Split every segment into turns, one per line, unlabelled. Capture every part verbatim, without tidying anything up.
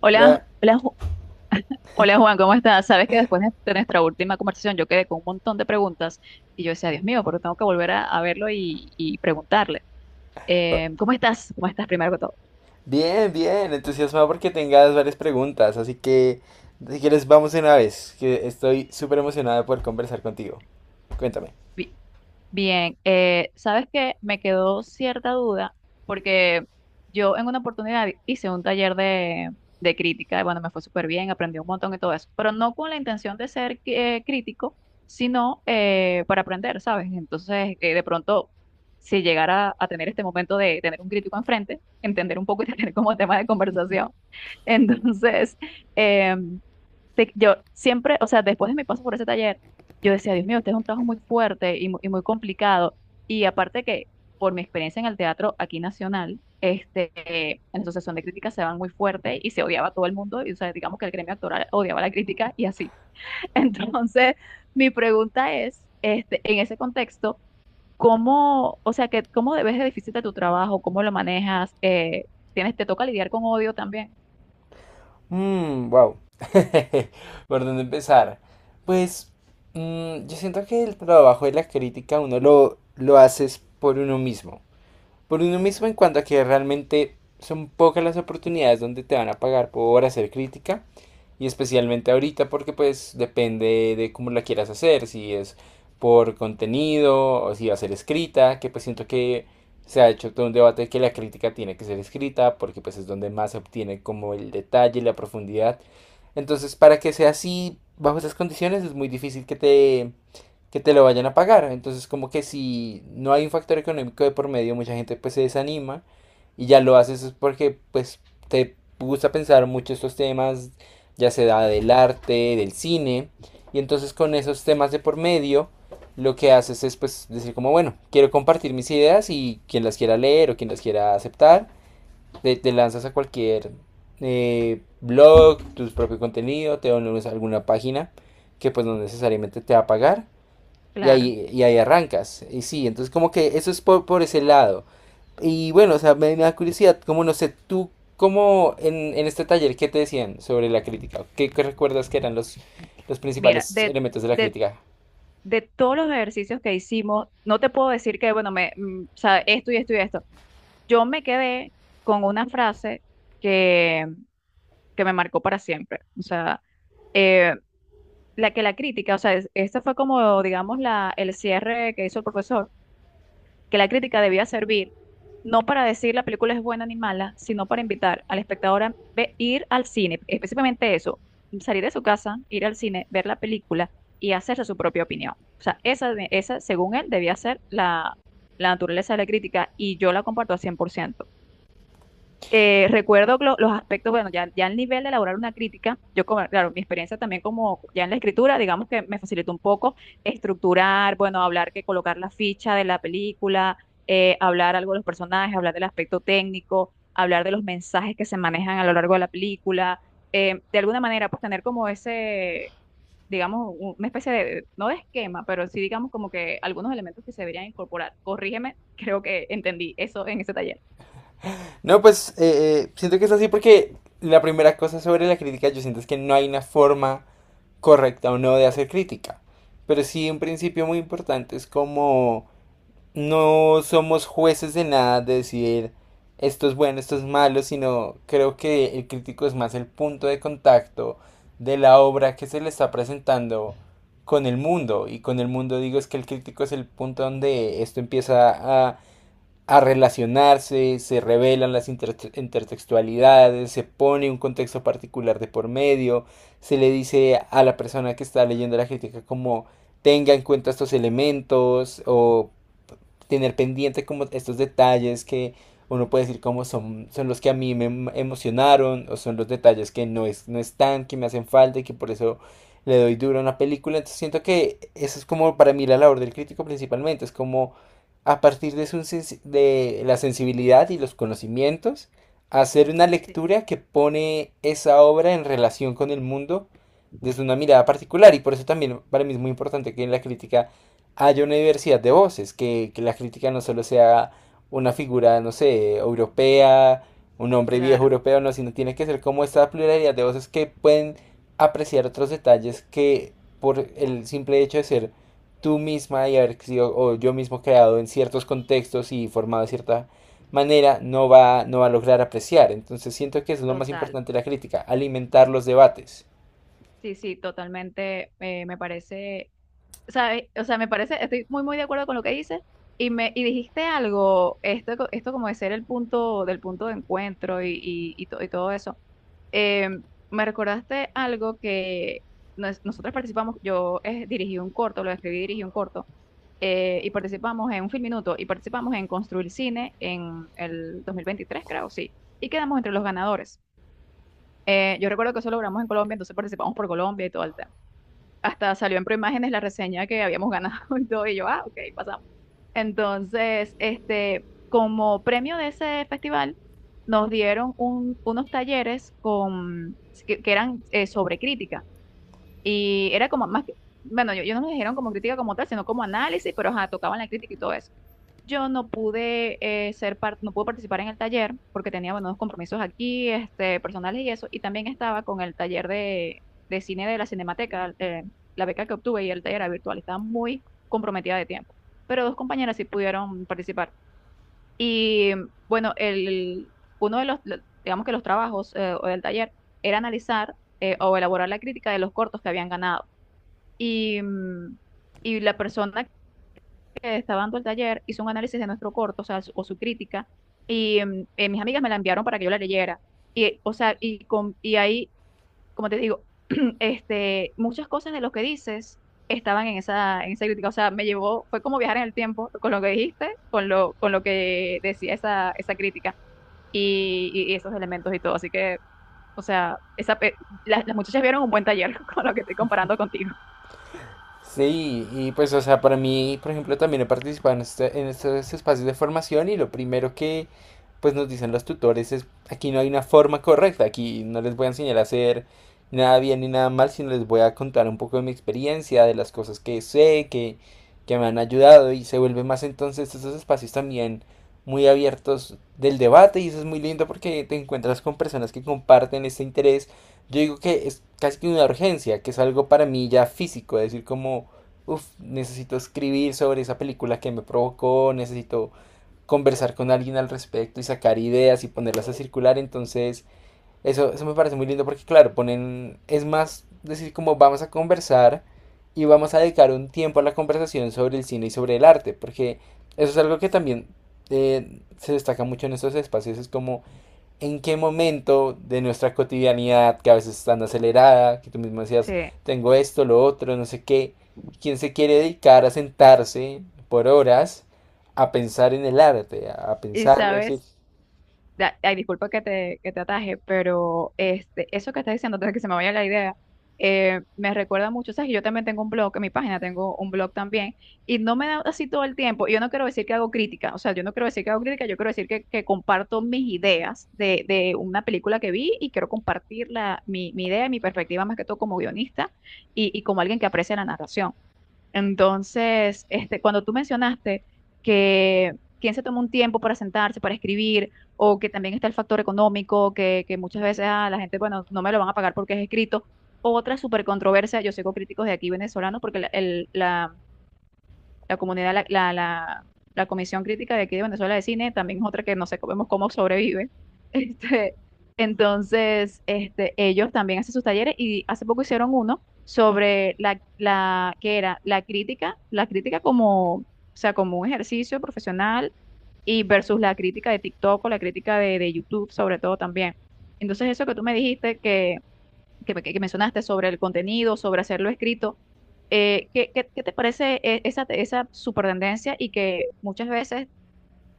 Hola,
La-
hola, Ju- hola Juan, ¿cómo estás? Sabes que después de de nuestra última conversación yo quedé con un montón de preguntas y yo decía, Dios mío, porque tengo que volver a, a verlo y, y preguntarle. Eh, ¿cómo estás? ¿Cómo estás primero que todo?
Bien, bien, entusiasmado porque tengas varias preguntas, así que si quieres vamos de una vez, que estoy súper emocionada de poder conversar contigo. Cuéntame.
Bien, eh, ¿sabes que me quedó cierta duda porque yo en una oportunidad hice un taller de, de crítica? Y bueno, me fue súper bien, aprendí un montón y todo eso, pero no con la intención de ser eh, crítico, sino eh, para aprender, ¿sabes? Entonces, eh, de pronto, si llegara a tener este momento de tener un crítico enfrente, entender un poco y tener como tema de conversación, entonces, em, te- yo siempre, o sea, después de mi paso por ese taller, yo decía, Dios mío, este es un trabajo muy fuerte y, mu- y muy complicado. Y aparte que por mi experiencia en el teatro aquí nacional, este, eh, en la Asociación de Críticas se van muy fuerte y se odiaba a todo el mundo. Y, o sea, digamos que el gremio actoral odiaba la crítica y así. Entonces, mi pregunta es, este, en ese contexto, ¿cómo, o sea, que, cómo debes de difícil de tu trabajo? ¿Cómo lo manejas? Eh, ¿tienes, te toca lidiar con odio también?
Mmm, wow. ¿Por dónde empezar? Pues mm, yo siento que el trabajo de la crítica uno lo, lo haces por uno mismo. Por uno mismo en cuanto a que realmente son pocas las oportunidades donde te van a pagar por hacer crítica, y especialmente ahorita, porque pues depende de cómo la quieras hacer, si es por contenido o si va a ser escrita, que pues siento que se ha hecho todo un debate de que la crítica tiene que ser escrita porque pues es donde más se obtiene como el detalle y la profundidad. Entonces, para que sea así bajo esas condiciones es muy difícil que te que te lo vayan a pagar. Entonces, como que si no hay un factor económico de por medio, mucha gente pues se desanima y ya lo haces es porque pues te gusta pensar mucho estos temas, ya sea del arte, del cine, y entonces con esos temas de por medio lo que haces es pues decir como bueno, quiero compartir mis ideas, y quien las quiera leer o quien las quiera aceptar, te, te lanzas a cualquier eh, blog, tu propio contenido, te dones a alguna página que pues no necesariamente te va a pagar, y
Claro.
ahí, y ahí arrancas. Y sí, entonces como que eso es por, por ese lado. Y bueno, o sea, me, me da curiosidad, como no sé, tú, como en, en este taller, ¿qué te decían sobre la crítica? ¿Qué, qué recuerdas que eran los, los
Mira,
principales
de,
elementos de la
de
crítica?
de todos los ejercicios que hicimos, no te puedo decir que, bueno, me, mm, o sea, esto y esto y esto. Yo me quedé con una frase que, que me marcó para siempre. O sea, eh, la que la crítica, o sea, es- esta fue como, digamos, la, el cierre que hizo el profesor, que la crítica debía servir no para decir la película es buena ni mala, sino para invitar al espectador a ve- ir al cine, específicamente eso, salir de su casa, ir al cine, ver la película y hacerse su propia opinión. O sea, esa, de- esa según él, debía ser la, la naturaleza de la crítica y yo la comparto al cien por ciento. eh, recuerdo lo- los aspectos, bueno, ya, ya al nivel de elaborar una crítica, yo, como- claro, mi experiencia también como ya en la escritura, digamos que me facilitó un poco estructurar, bueno, hablar que colocar la ficha de la película, eh, hablar algo de los personajes, hablar del aspecto técnico, hablar de los mensajes que se manejan a lo largo de la película, eh, de alguna manera, pues tener como ese, digamos, un- una especie de, no de esquema, pero sí digamos como que algunos elementos que se deberían incorporar. Corrígeme, creo que entendí eso en ese taller.
No, pues eh, eh, siento que es así porque la primera cosa sobre la crítica yo siento es que no hay una forma correcta o no de hacer crítica. Pero sí un principio muy importante es como no somos jueces de nada de decir esto es bueno, esto es malo, sino creo que el crítico es más el punto de contacto de la obra que se le está presentando con el mundo. Y con el mundo digo es que el crítico es el punto donde esto empieza a, a relacionarse, se revelan las inter intertextualidades, se pone un contexto particular de por medio, se le dice a la persona que está leyendo la crítica como tenga en cuenta estos elementos o tener pendiente como estos detalles que uno puede decir como son, son los que a mí me em- emocionaron, o son los detalles que no, es, no están, que me hacen falta y que por eso le doy duro a una película. Entonces siento que eso es como para mí la labor del crítico principalmente, es como a partir de, su, de la sensibilidad y los conocimientos, hacer una
Sí,
lectura que pone esa obra en relación con el mundo, desde una mirada particular, y por eso también para mí es muy importante que en la crítica haya una diversidad de voces, que, que la crítica no solo sea una figura, no sé, europea, un hombre viejo
claro.
europeo, no, sino tiene que ser como esta pluralidad de voces que pueden apreciar otros detalles que por el simple hecho de ser tú misma y haber sido, o yo mismo creado en ciertos contextos y formado de cierta manera, no va, no va a lograr apreciar. Entonces siento que eso es lo más
Total.
importante de la crítica, alimentar los debates.
Sí, sí, totalmente. eh, me parece, ¿sabes? O sea, me parece, estoy muy, muy de acuerdo con lo que dices. Y me, y dijiste algo, esto, co- esto como de ser el punto, del punto de encuentro y, y, y, to- y todo eso. Eh, me recordaste algo que nos- nosotros participamos, yo eh, dirigí un corto, lo escribí y dirigí un corto, eh, y participamos en un film minuto, y participamos en Construir Cine en el dos mil veintitrés, creo, sí. Y quedamos entre los ganadores. Eh, yo recuerdo que eso logramos en Colombia, entonces participamos por Colombia y todo, hasta salió en Proimágenes la reseña que habíamos ganado y todo, y yo, ah, ok, pasamos. Entonces, este, como premio de ese festival, nos dieron un- unos talleres con, que, que eran eh, sobre crítica. Y era como más que, bueno, yo, yo no me dijeron como crítica como tal, sino como análisis, pero ajá, tocaban la crítica y todo eso. Yo no pude eh, ser parte, no pude participar en el taller porque tenía, bueno, unos compromisos aquí, este, personales y eso, y también estaba con el taller de, de cine de la Cinemateca, eh, la beca que obtuve y el taller era virtual, estaba muy comprometida de tiempo. Pero dos compañeras sí pudieron participar. Y bueno, el, uno de los, lo- digamos que los trabajos eh, o del taller era analizar eh, o elaborar la crítica de los cortos que habían ganado. Y, mm, y la persona que estaba dando el taller hizo un análisis de nuestro corto, o sea, su- o su crítica, y mm, eh, mis amigas me la enviaron para que yo la leyera. Y, o sea, y, con, y ahí, como te digo, este, muchas cosas de lo que dices estaban en esa, en esa crítica, o sea, me llevó, fue como viajar en el tiempo con lo que dijiste, con lo, con lo que decía esa, esa crítica y, y- y esos elementos y todo. Así que, o sea, esa, pe- las, las muchachas vieron un buen taller con lo que estoy comparando contigo.
Sí, y pues, o sea, para mí, por ejemplo, también he participado en, este- en estos espacios de formación, y lo primero que, pues, nos dicen los tutores es, aquí no hay una forma correcta, aquí no les voy a enseñar a hacer nada bien ni nada mal, sino les voy a contar un poco de mi experiencia, de las cosas que sé, que, que me han ayudado, y se vuelve más entonces estos espacios también muy abiertos del debate. Y eso es muy lindo porque te encuentras con personas que comparten este interés. Yo digo que es casi que una urgencia, que es algo para mí ya físico, es decir como, uff, necesito escribir sobre esa película que me provocó, necesito conversar con alguien al respecto y sacar ideas y ponerlas a circular. Entonces eso, eso me parece muy lindo porque claro, ponen, es más decir como vamos a conversar y vamos a dedicar un tiempo a la conversación sobre el cine y sobre el arte, porque eso es algo que también eh, se destaca mucho en estos espacios, es como en qué momento de nuestra cotidianidad, que a veces es tan acelerada, que tú mismo decías,
Sí.
tengo esto, lo otro, no sé qué, quién se quiere dedicar a sentarse por horas a pensar en el arte, a
Y
pensarlo, es decir,
sabes, da- ay, disculpa que te, que te ataje, pero este, eso que estás diciendo, antes de que se me vaya la idea, eh, me recuerda mucho, ¿sabes? Que yo también tengo un blog, en mi página tengo un blog también, y no me da así todo el tiempo, y yo no quiero decir que hago crítica, o sea, yo no quiero decir que hago crítica, yo quiero decir que, que comparto mis ideas de, de una película que vi y quiero compartir la, mi, mi idea y mi perspectiva más que todo como guionista y, y como alguien que aprecia la narración. Entonces, este, cuando tú mencionaste que quien se toma un tiempo para sentarse, para escribir, o que también está el factor económico, que, que muchas veces ah, la gente, bueno, no me lo van a pagar porque es escrito. Otra súper controversia, yo sigo críticos de aquí venezolanos porque la, el- la- la comunidad, la, la, la- la Comisión Crítica de aquí de Venezuela de Cine, también es otra que no sé cómo, cómo sobrevive. Este, entonces, este, ellos también hacen sus talleres y hace poco hicieron uno sobre la, la, que era la crítica, la crítica como, o sea, como un ejercicio profesional y versus la crítica de TikTok o la crítica de, de YouTube, sobre todo también. Entonces, eso que tú me dijiste que que, me- que mencionaste sobre el contenido, sobre hacerlo escrito. eh, ¿qué, qué- qué te parece eh, esa, esa super tendencia? Y que muchas veces,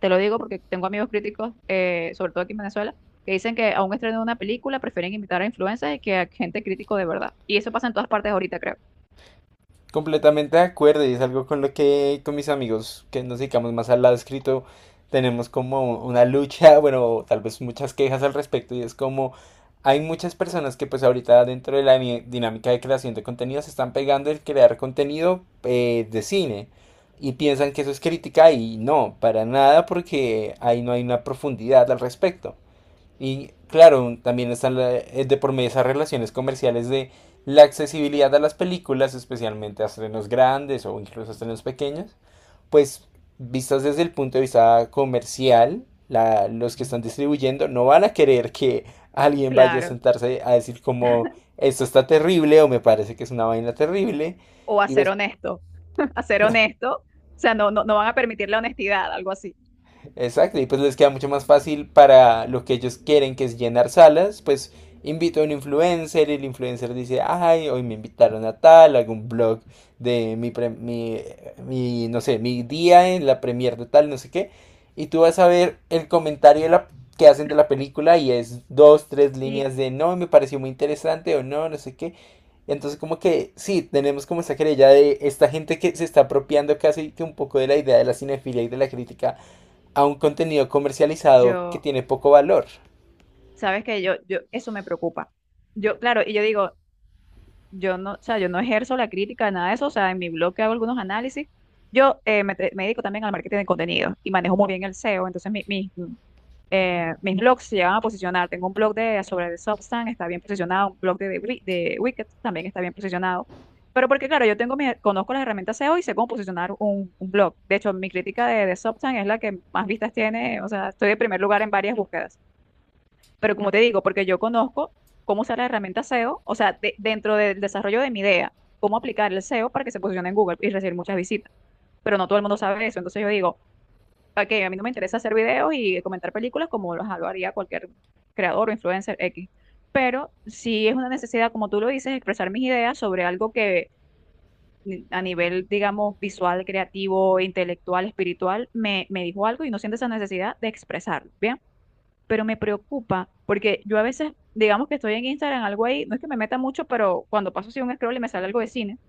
te lo digo porque tengo amigos críticos, eh, sobre todo aquí en Venezuela, que dicen que a un estreno de una película prefieren invitar a influencers que a gente crítico de verdad. Y eso pasa en todas partes ahorita, creo.
completamente de acuerdo. Y es algo con lo que con mis amigos que nos dedicamos más al lado escrito tenemos como una lucha, bueno, tal vez muchas quejas al respecto, y es como hay muchas personas que pues ahorita dentro de la ni- dinámica de creación de contenido se están pegando el crear contenido eh, de cine y piensan que eso es crítica, y no, para nada, porque ahí no hay una profundidad al respecto. Y claro, también están la- eh, de por medio esas relaciones comerciales de la accesibilidad a las películas, especialmente a estrenos grandes o incluso a estrenos pequeños, pues vistas desde el punto de vista comercial, la- los que están distribuyendo no van a querer que alguien vaya a
Claro.
sentarse a decir como esto está terrible o me parece que es una vaina terrible.
O a
Y
ser honesto. A ser honesto. O sea, no, no, no van a permitir la honestidad, algo así.
exacto, y pues les queda mucho más fácil para lo que ellos quieren, que es llenar salas. Pues invito a un influencer y el influencer dice, ay, hoy me invitaron a tal, algún blog de mi, pre- mi, mi, no sé, mi día en la premier de tal, no sé qué, y tú vas a ver el comentario de la, que hacen de la película y es dos, tres
Sí.
líneas de no, me pareció muy interesante, o no, no sé qué. Entonces como que sí, tenemos como esa querella de esta gente que se está apropiando casi que un poco de la idea de la cinefilia y de la crítica, a un contenido comercializado que
Yo,
tiene poco valor.
sabes que yo, yo, eso me preocupa. Yo, claro, y yo digo, yo no, o sea, yo no ejerzo la crítica, nada de eso, o sea, en mi blog que hago algunos análisis, yo eh, me, te- me dedico también al marketing de contenido y manejo muy bien el S E O, entonces mi- mi- mm, eh, mis blogs se llegan a posicionar, tengo un blog de, sobre el Substack, está bien posicionado, un blog de, de, Wi- de Wicked también está bien posicionado, pero porque claro, yo tengo mi- conozco las herramientas S E O y sé cómo posicionar un, un blog. De hecho, mi crítica de, de Substack es la que más vistas tiene, o sea, estoy de primer lugar en varias búsquedas. Pero como te digo, porque yo conozco cómo usar la herramienta S E O, o sea, de- dentro del desarrollo de mi idea, cómo aplicar el S E O para que se posicione en Google y recibir muchas visitas. Pero no todo el mundo sabe eso. Entonces yo digo, ok, a mí no me interesa hacer videos y comentar películas como lo lo haría cualquier creador o influencer X. Pero sí es una necesidad, como tú lo dices, expresar mis ideas sobre algo que ni- a nivel, digamos, visual, creativo, intelectual, espiritual, me, me dijo algo y no siento esa necesidad de expresarlo. Bien, pero me preocupa porque yo a veces, digamos que estoy en Instagram, algo ahí, no es que me meta mucho, pero cuando paso así un scroll y me sale algo de cine,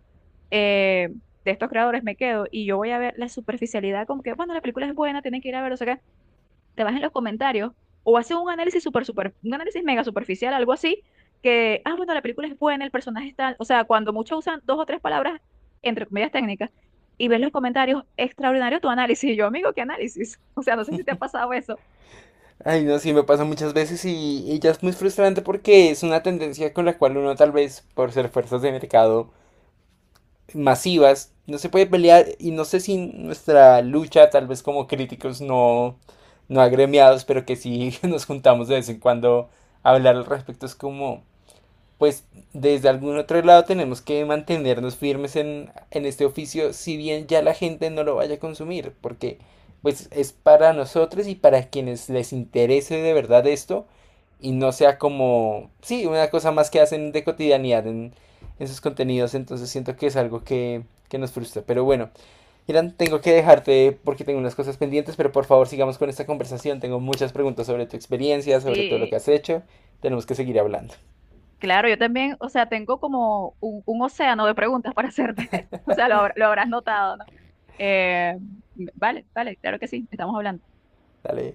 eh, de estos creadores me quedo y yo voy a ver la superficialidad, como que, bueno, la película es buena, tienen que ir a ver, o sea que te vas en los comentarios o haces un análisis super, super, un análisis mega superficial, algo así, que, ah, bueno, la película es buena, el personaje está, o sea, cuando muchos usan dos o tres palabras, entre comillas técnicas, y ves los comentarios, extraordinario tu análisis, y yo, amigo, ¿qué análisis? O sea, no sé si te ha pasado eso.
Ay, no, sí, me pasa muchas veces, y, y ya es muy frustrante porque es una tendencia con la cual uno tal vez, por ser fuerzas de mercado masivas, no se puede pelear, y no sé si nuestra lucha, tal vez como críticos no, no agremiados, pero que sí nos juntamos de vez en cuando a hablar al respecto, es como, pues desde algún otro lado tenemos que mantenernos firmes en, en este oficio, si bien ya la gente no lo vaya a consumir, porque pues es para nosotros y para quienes les interese de verdad esto, y no sea como, sí, una cosa más que hacen de cotidianidad en, en sus contenidos. Entonces siento que es algo que, que nos frustra. Pero bueno, Irán, tengo que dejarte porque tengo unas cosas pendientes, pero por favor sigamos con esta conversación, tengo muchas preguntas sobre tu experiencia, sobre todo lo que
Sí,
has hecho, tenemos que seguir hablando.
claro, yo también, o sea, tengo como un, un océano de preguntas para hacerte. O sea, lo, habrá- lo habrás notado, ¿no? Eh, vale, vale, claro que sí, estamos hablando.
Dale.